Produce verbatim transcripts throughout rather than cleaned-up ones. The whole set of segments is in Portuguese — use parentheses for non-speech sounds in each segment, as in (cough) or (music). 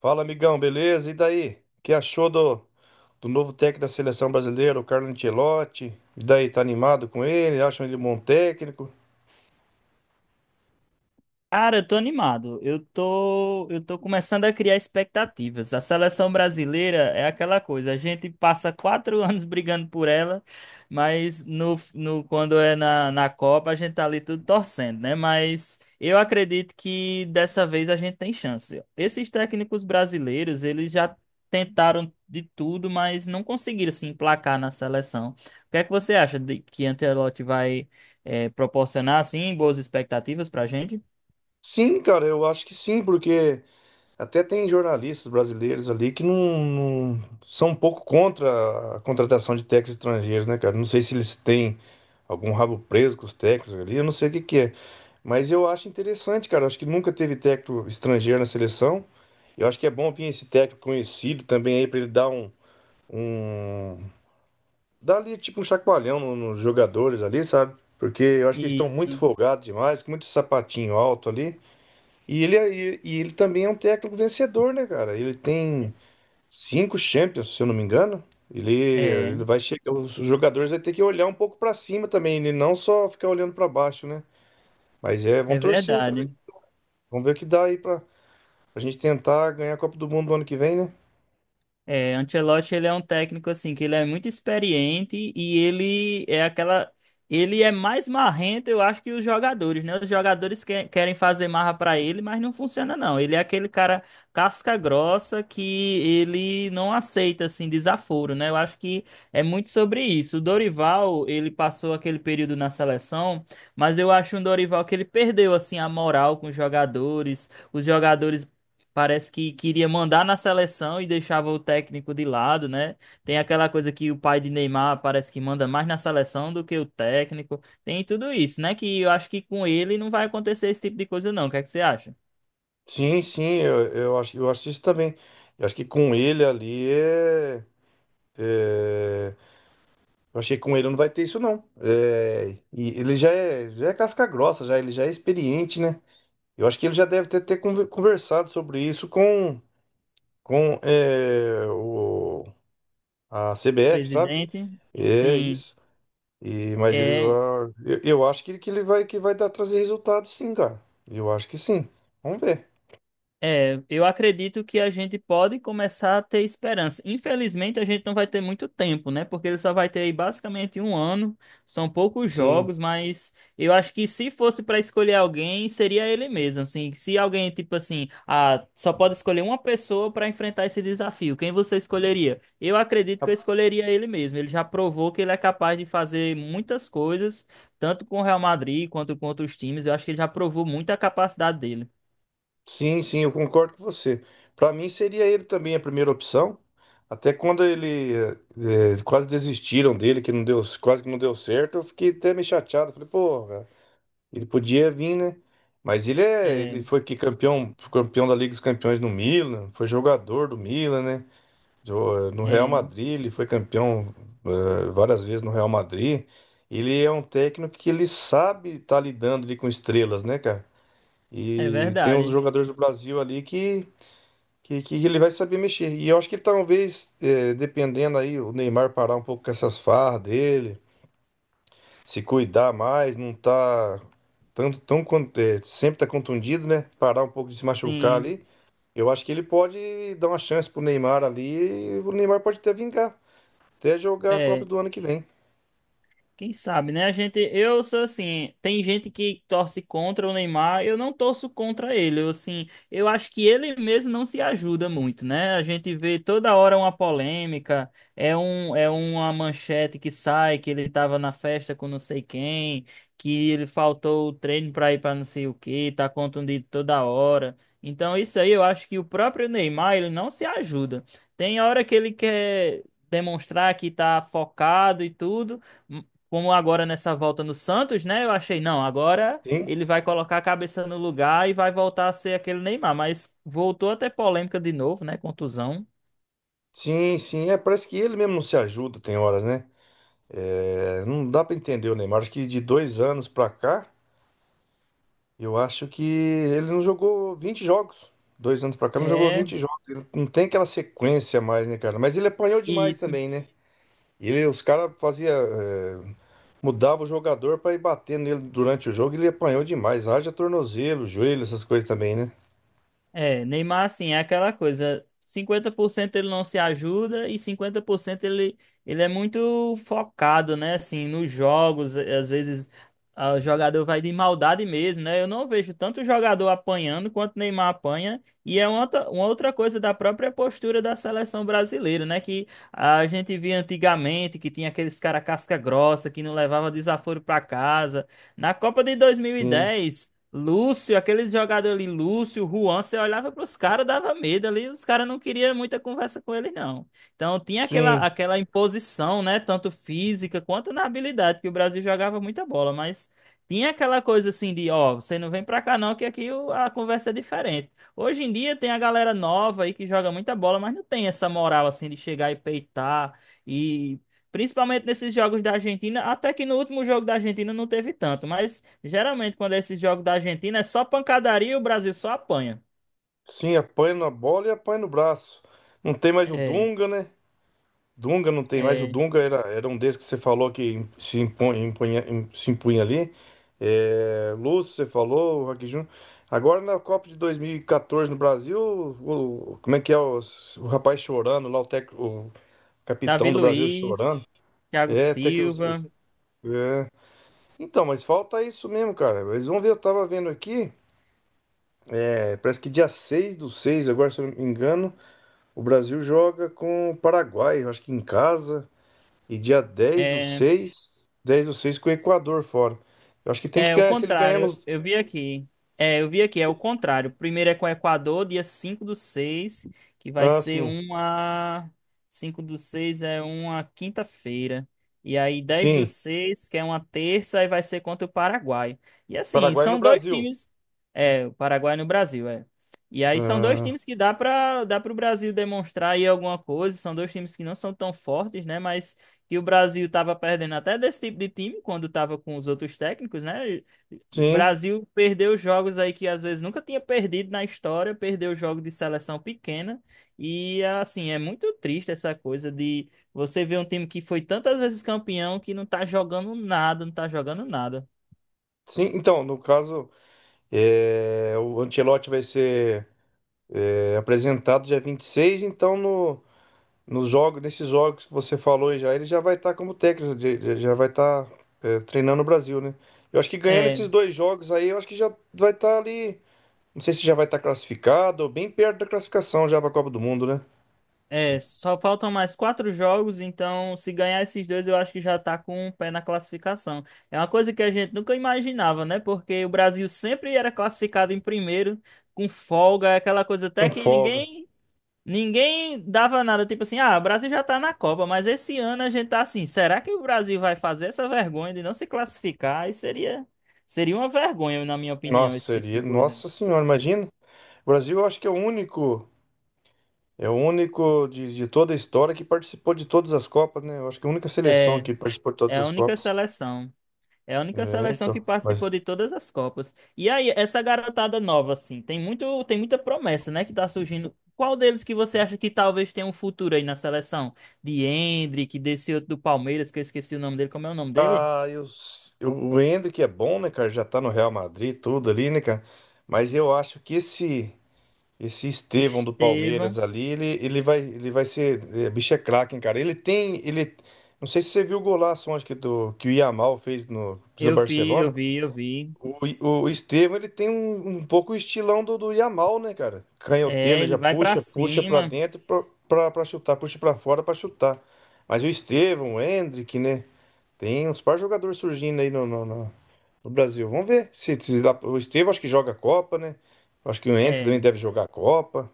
Fala, amigão, beleza? E daí? O que achou do, do novo técnico da seleção brasileira, o Carlo Ancelotti? E daí, tá animado com ele? Acham ele um bom técnico? Cara, eu tô animado. Eu tô, eu tô começando a criar expectativas. A seleção brasileira é aquela coisa. A gente passa quatro (laughs) anos brigando por ela, mas no, no quando é na, na Copa a gente tá ali tudo torcendo, né? Mas eu acredito que dessa vez a gente tem chance. Esses técnicos brasileiros, eles já tentaram de tudo, mas não conseguiram se emplacar na seleção. O que é que você acha de que Ancelotti vai eh, proporcionar assim boas expectativas pra gente? Sim, cara, eu acho que sim, porque até tem jornalistas brasileiros ali que não, não- são um pouco contra a contratação de técnicos estrangeiros, né, cara? Não sei se eles têm algum rabo preso com os técnicos ali, eu não sei o que que é. Mas eu acho interessante, cara. eu Acho que nunca teve técnico estrangeiro na seleção. Eu acho que é bom vir esse técnico conhecido também aí para ele dar um, um. Dá ali tipo um chacoalhão no- nos jogadores ali, sabe? Porque eu acho que eles estão muito Isso. folgados demais, com muito sapatinho alto ali. E ele, é- e, e ele também é um técnico vencedor, né, cara? Ele tem cinco Champions, se eu não me engano. Ele, É, ele vai chegar, os jogadores vão ter que olhar um pouco pra cima também, ele não só ficar olhando pra baixo, né? Mas é, vamos é torcer aí pra ver. verdade. Vamos ver o que dá aí pra, pra gente tentar ganhar a Copa do Mundo no ano que vem, né? É, Ancelotti ele é um técnico assim que ele é muito experiente e ele é aquela ele é mais marrento, eu acho que os jogadores, né? Os jogadores que- querem fazer marra pra ele, mas não funciona não. Ele é aquele cara casca grossa que ele não aceita assim desaforo, né? Eu acho que é muito sobre isso. O Dorival, ele passou aquele período na seleção, mas eu acho um Dorival que ele perdeu assim a moral com os jogadores. Os jogadores parece que queria mandar na seleção e deixava o técnico de lado, né? Tem aquela coisa que o pai de Neymar parece que manda mais na seleção do que o técnico. Tem tudo isso, né? Que eu acho que com ele não vai acontecer esse tipo de coisa, não. O que é que você acha? Sim, sim, eu, eu acho, eu acho isso também. Eu acho que com ele ali é. É, eu achei que com ele não vai ter isso, não. É, e ele já é, já é casca grossa, já, ele já é experiente, né? Eu acho que ele já deve ter, ter conver- conversado sobre isso com, com é, o, a C B F, sabe? Presidente? É Sim. isso. E, mas eles, É, ah, eu, eu acho que, que ele vai que vai dar trazer resultado, sim, cara. Eu acho que sim. Vamos ver. É, eu acredito que a gente pode começar a ter esperança. Infelizmente, a gente não vai ter muito tempo, né? Porque ele só vai ter aí basicamente um ano. São poucos Sim. jogos, mas eu acho que se fosse para escolher alguém, seria ele mesmo. Assim, se alguém, tipo assim, ah, só pode escolher uma pessoa para enfrentar esse desafio, quem você escolheria? Eu acredito que eu escolheria ele mesmo. Ele já provou que ele é capaz de fazer muitas coisas, tanto com o Real Madrid quanto com outros times. Eu acho que ele já provou muito a capacidade dele. Sim, sim, eu concordo com você. Para mim seria ele também a primeira opção. Até quando ele eh, eh, quase desistiram dele, que não deu, quase que não deu certo, eu fiquei até meio chateado. Falei, pô, ele podia vir, né? Mas ele é, ele É, foi que campeão, campeão da Liga dos Campeões no Milan, foi jogador do Milan, né? Jo- No Real é. Madrid, ele foi campeão eh, várias vezes no Real Madrid. Ele é um técnico que ele sabe estar lidando ali com estrelas, né, cara? É E tem uns verdade, jogadores do Brasil ali que, que, que ele vai saber mexer. E eu acho que talvez, eh, dependendo aí, o Neymar parar um pouco com essas farras dele, se cuidar mais, não tá tanto, tão, con- eh, sempre tá contundido, né? Parar um pouco de se machucar sim. ali. Eu acho que ele pode dar uma chance pro Neymar ali, e o Neymar pode até vingar, até jogar a Copa É, do ano que vem. quem sabe, né? A gente, eu sou assim, tem gente que torce contra o Neymar, eu não torço contra ele. Eu assim, eu acho que ele mesmo não se ajuda muito, né? A gente vê toda hora uma polêmica, é um é uma manchete que sai que ele tava na festa com não sei quem, que ele faltou o treino para ir para não sei o que tá contundido toda hora. Então isso aí eu acho que o próprio Neymar, ele não se ajuda. Tem hora que ele quer demonstrar que tá focado e tudo, como agora nessa volta no Santos, né? Eu achei, não, agora Sim, ele vai colocar a cabeça no lugar e vai voltar a ser aquele Neymar. Mas voltou até polêmica de novo, né? Contusão. sim, sim. É, parece que ele mesmo não se ajuda, tem horas, né? É, não dá pra entender o Neymar. Acho que de dois anos pra cá. Eu acho que ele não jogou vinte jogos. Dois anos pra cá, não jogou É, vinte jogos. Ele não tem aquela sequência mais, né, cara? Mas ele apanhou demais isso. também, né? Ele, os caras fazia, é, mudava o jogador pra ir bater nele durante o jogo. Ele apanhou demais. Haja tornozelo, joelho, essas coisas também, né? É, Neymar, assim, é aquela coisa, cinquenta por cento ele não se ajuda e cinquenta por cento ele, ele é muito focado, né, assim, nos jogos, é, às vezes ah, o jogador vai de maldade mesmo, né, eu não vejo tanto jogador apanhando quanto Neymar apanha, e é uma outra, uma outra coisa da própria postura da seleção brasileira, né, que a gente via antigamente, que tinha aqueles cara casca grossa, que não levava desaforo pra casa, na Copa de Sim, dois mil e dez. Lúcio, aqueles jogadores ali, Lúcio, Juan, você olhava para os caras, dava medo ali, os caras não queriam muita conversa com ele, não. Então tinha aquela, sim, aquela imposição, né? Tanto física quanto na habilidade, que o Brasil jogava muita bola, mas tinha aquela coisa assim de, ó, você não vem para cá não, que aqui o- a conversa é diferente. Hoje em dia tem a galera nova aí que joga muita bola, mas não tem essa moral assim de chegar e peitar e principalmente nesses jogos da Argentina, até que no último jogo da Argentina não teve tanto, mas geralmente quando é esses jogos da Argentina é só pancadaria e o Brasil só apanha. sim. Apanha na bola e apanha no braço. Não tem mais o É, Dunga, né? Dunga não tem mais. O é, Dunga era, era um desses que você falou que se impunha, impunha- im- se impunha ali. É, Lúcio, você falou, o Rock Júnior. Agora na Copa de dois mil e quatorze no Brasil, o- como é que é o, o rapaz chorando lá, o, tec- o Davi capitão do Brasil chorando? Luiz, Thiago É, até que. os- Silva, é. Então, mas falta isso mesmo, cara. Eles vão ver, eu tava vendo aqui, é, parece que dia seis do seis agora se eu não me engano, o Brasil joga com o Paraguai, eu acho que em casa. E dia dez do é, seis dez do seis com o Equador fora. Eu acho que tem que é o ganhar, se ele ganhar contrário, nos. eu vi aqui. É, eu vi aqui, é o contrário. Primeiro é com o Equador, dia cinco do seis, que vai Ah, ser sim. uma. Cinco do seis é uma quinta-feira. E aí dez do Sim. seis, que é uma terça, e vai ser contra o Paraguai. E assim, Paraguai no são dois Brasil. times. É, o Paraguai no Brasil, é. E aí são dois Ah, times que dá para dá para o Brasil demonstrar aí alguma coisa. São dois times que não são tão fortes, né? Mas que o Brasil estava perdendo até desse tipo de time quando estava com os outros técnicos, né? O sim. Brasil perdeu jogos aí que às vezes nunca tinha perdido na história, perdeu jogo de seleção pequena e assim, é muito triste essa coisa de você ver um time que foi tantas vezes campeão que não tá jogando nada, não tá jogando nada. Sim, então, no caso, é, o Ancelotti vai ser é, apresentado dia vinte e seis então no, nos jogos, nesses jogos que você falou aí já, ele já vai estar como técnico, de- de- já vai estar treinando o Brasil, né? Eu acho que ganhando É. esses dois jogos aí, eu acho que já vai estar ali. Não sei se já vai estar classificado ou bem perto da classificação já para a Copa do Mundo, né? É, só faltam mais quatro jogos, então se ganhar esses dois, eu acho que já tá com um pé na classificação. É uma coisa que a gente nunca imaginava, né? Porque o Brasil sempre era classificado em primeiro, com folga, aquela coisa até Com que folga. ninguém, ninguém dava nada. Tipo assim, ah, o Brasil já tá na Copa, mas esse ano a gente tá assim, será que o Brasil vai fazer essa vergonha de não se classificar? Aí seria, seria uma vergonha, na minha opinião, Nossa, esse tipo seria. de coisa. Nossa Senhora, imagina. O Brasil, eu acho que é o único, é o único de, de toda a história que participou de todas as Copas, né? Eu acho que é a única seleção É, que participou de todas é a as única Copas. seleção. É a única É, seleção que então. Mas. participou de todas as Copas. E aí, essa garotada nova, assim, tem muito, tem muita promessa, né, que tá surgindo. Qual deles que você acha que talvez tenha um futuro aí na seleção? De Endrick, desse outro do Palmeiras, que eu esqueci o nome dele. Como é o nome dele? Ah, eu, eu, o Hendrick é bom, né, cara? Já tá no Real Madrid, tudo ali, né, cara? Mas eu acho que esse. Esse Estevão do Palmeiras Estevão. ali, ele, ele vai, ele vai ser. É, bicho é craque, hein, cara. Ele tem. Ele, não sei se você viu o golaço onde que, do, que o Yamal fez no, pelo Eu vi, eu Barcelona. vi, eu vi. O, I- o Estevão, ele tem um, um pouco o estilão do, do Yamal, né, cara? Canhoteiro, É, ele ele já vai pra puxa, puxa pra cima. dentro pra, pra, pra chutar, puxa pra fora pra chutar. Mas o Estevão, o Endrick, né? Tem uns par jogadores surgindo aí no, no, no- no Brasil. Vamos ver. Se, se dá- o Estevão acho que joga a Copa, né? Acho que o Endrick também É. deve jogar a Copa.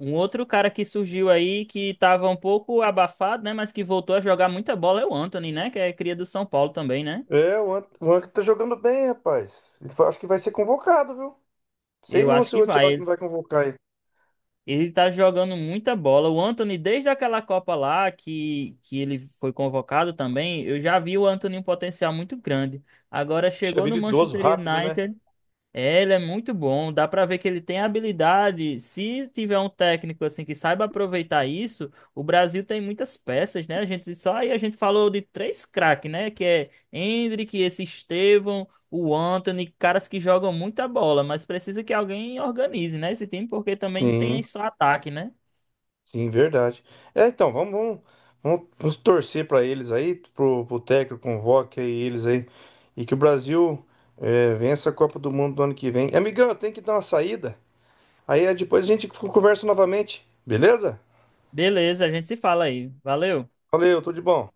Um outro cara que surgiu aí, que tava um pouco abafado, né, mas que voltou a jogar muita bola é o Anthony, né, que é cria do São Paulo também, né? É, o Ant- o Anca tá jogando bem, rapaz. Ele fa- Acho que vai ser convocado, viu? Sei Eu não acho se o que Antioquia vai. não vai convocar ele. Ele tá jogando muita bola. O Anthony, desde aquela Copa lá que, que ele foi convocado também, eu já vi o Anthony um potencial muito grande. Agora Bicho é chegou no habilidoso, Manchester rápido, né? United, é, ele é muito bom. Dá pra ver que ele tem habilidade. Se tiver um técnico assim que saiba aproveitar isso, o Brasil tem muitas peças, né? A gente só aí a gente falou de três craques, né? Que é Endrick, esse Estevão, o Antony, caras que jogam muita bola, mas precisa que alguém organize, né? Esse time porque também não tem Sim, só ataque, né? sim, verdade. É, então, vamos, vamos, vamos- vamos torcer para eles aí, pro, pro técnico convoque aí eles aí. E que o Brasil é, vença a Copa do Mundo do ano que vem. Amigão, eu tenho que dar uma saída. Aí é, depois a gente conversa novamente, beleza? Beleza, a gente se fala aí. Valeu. Valeu, tudo de bom.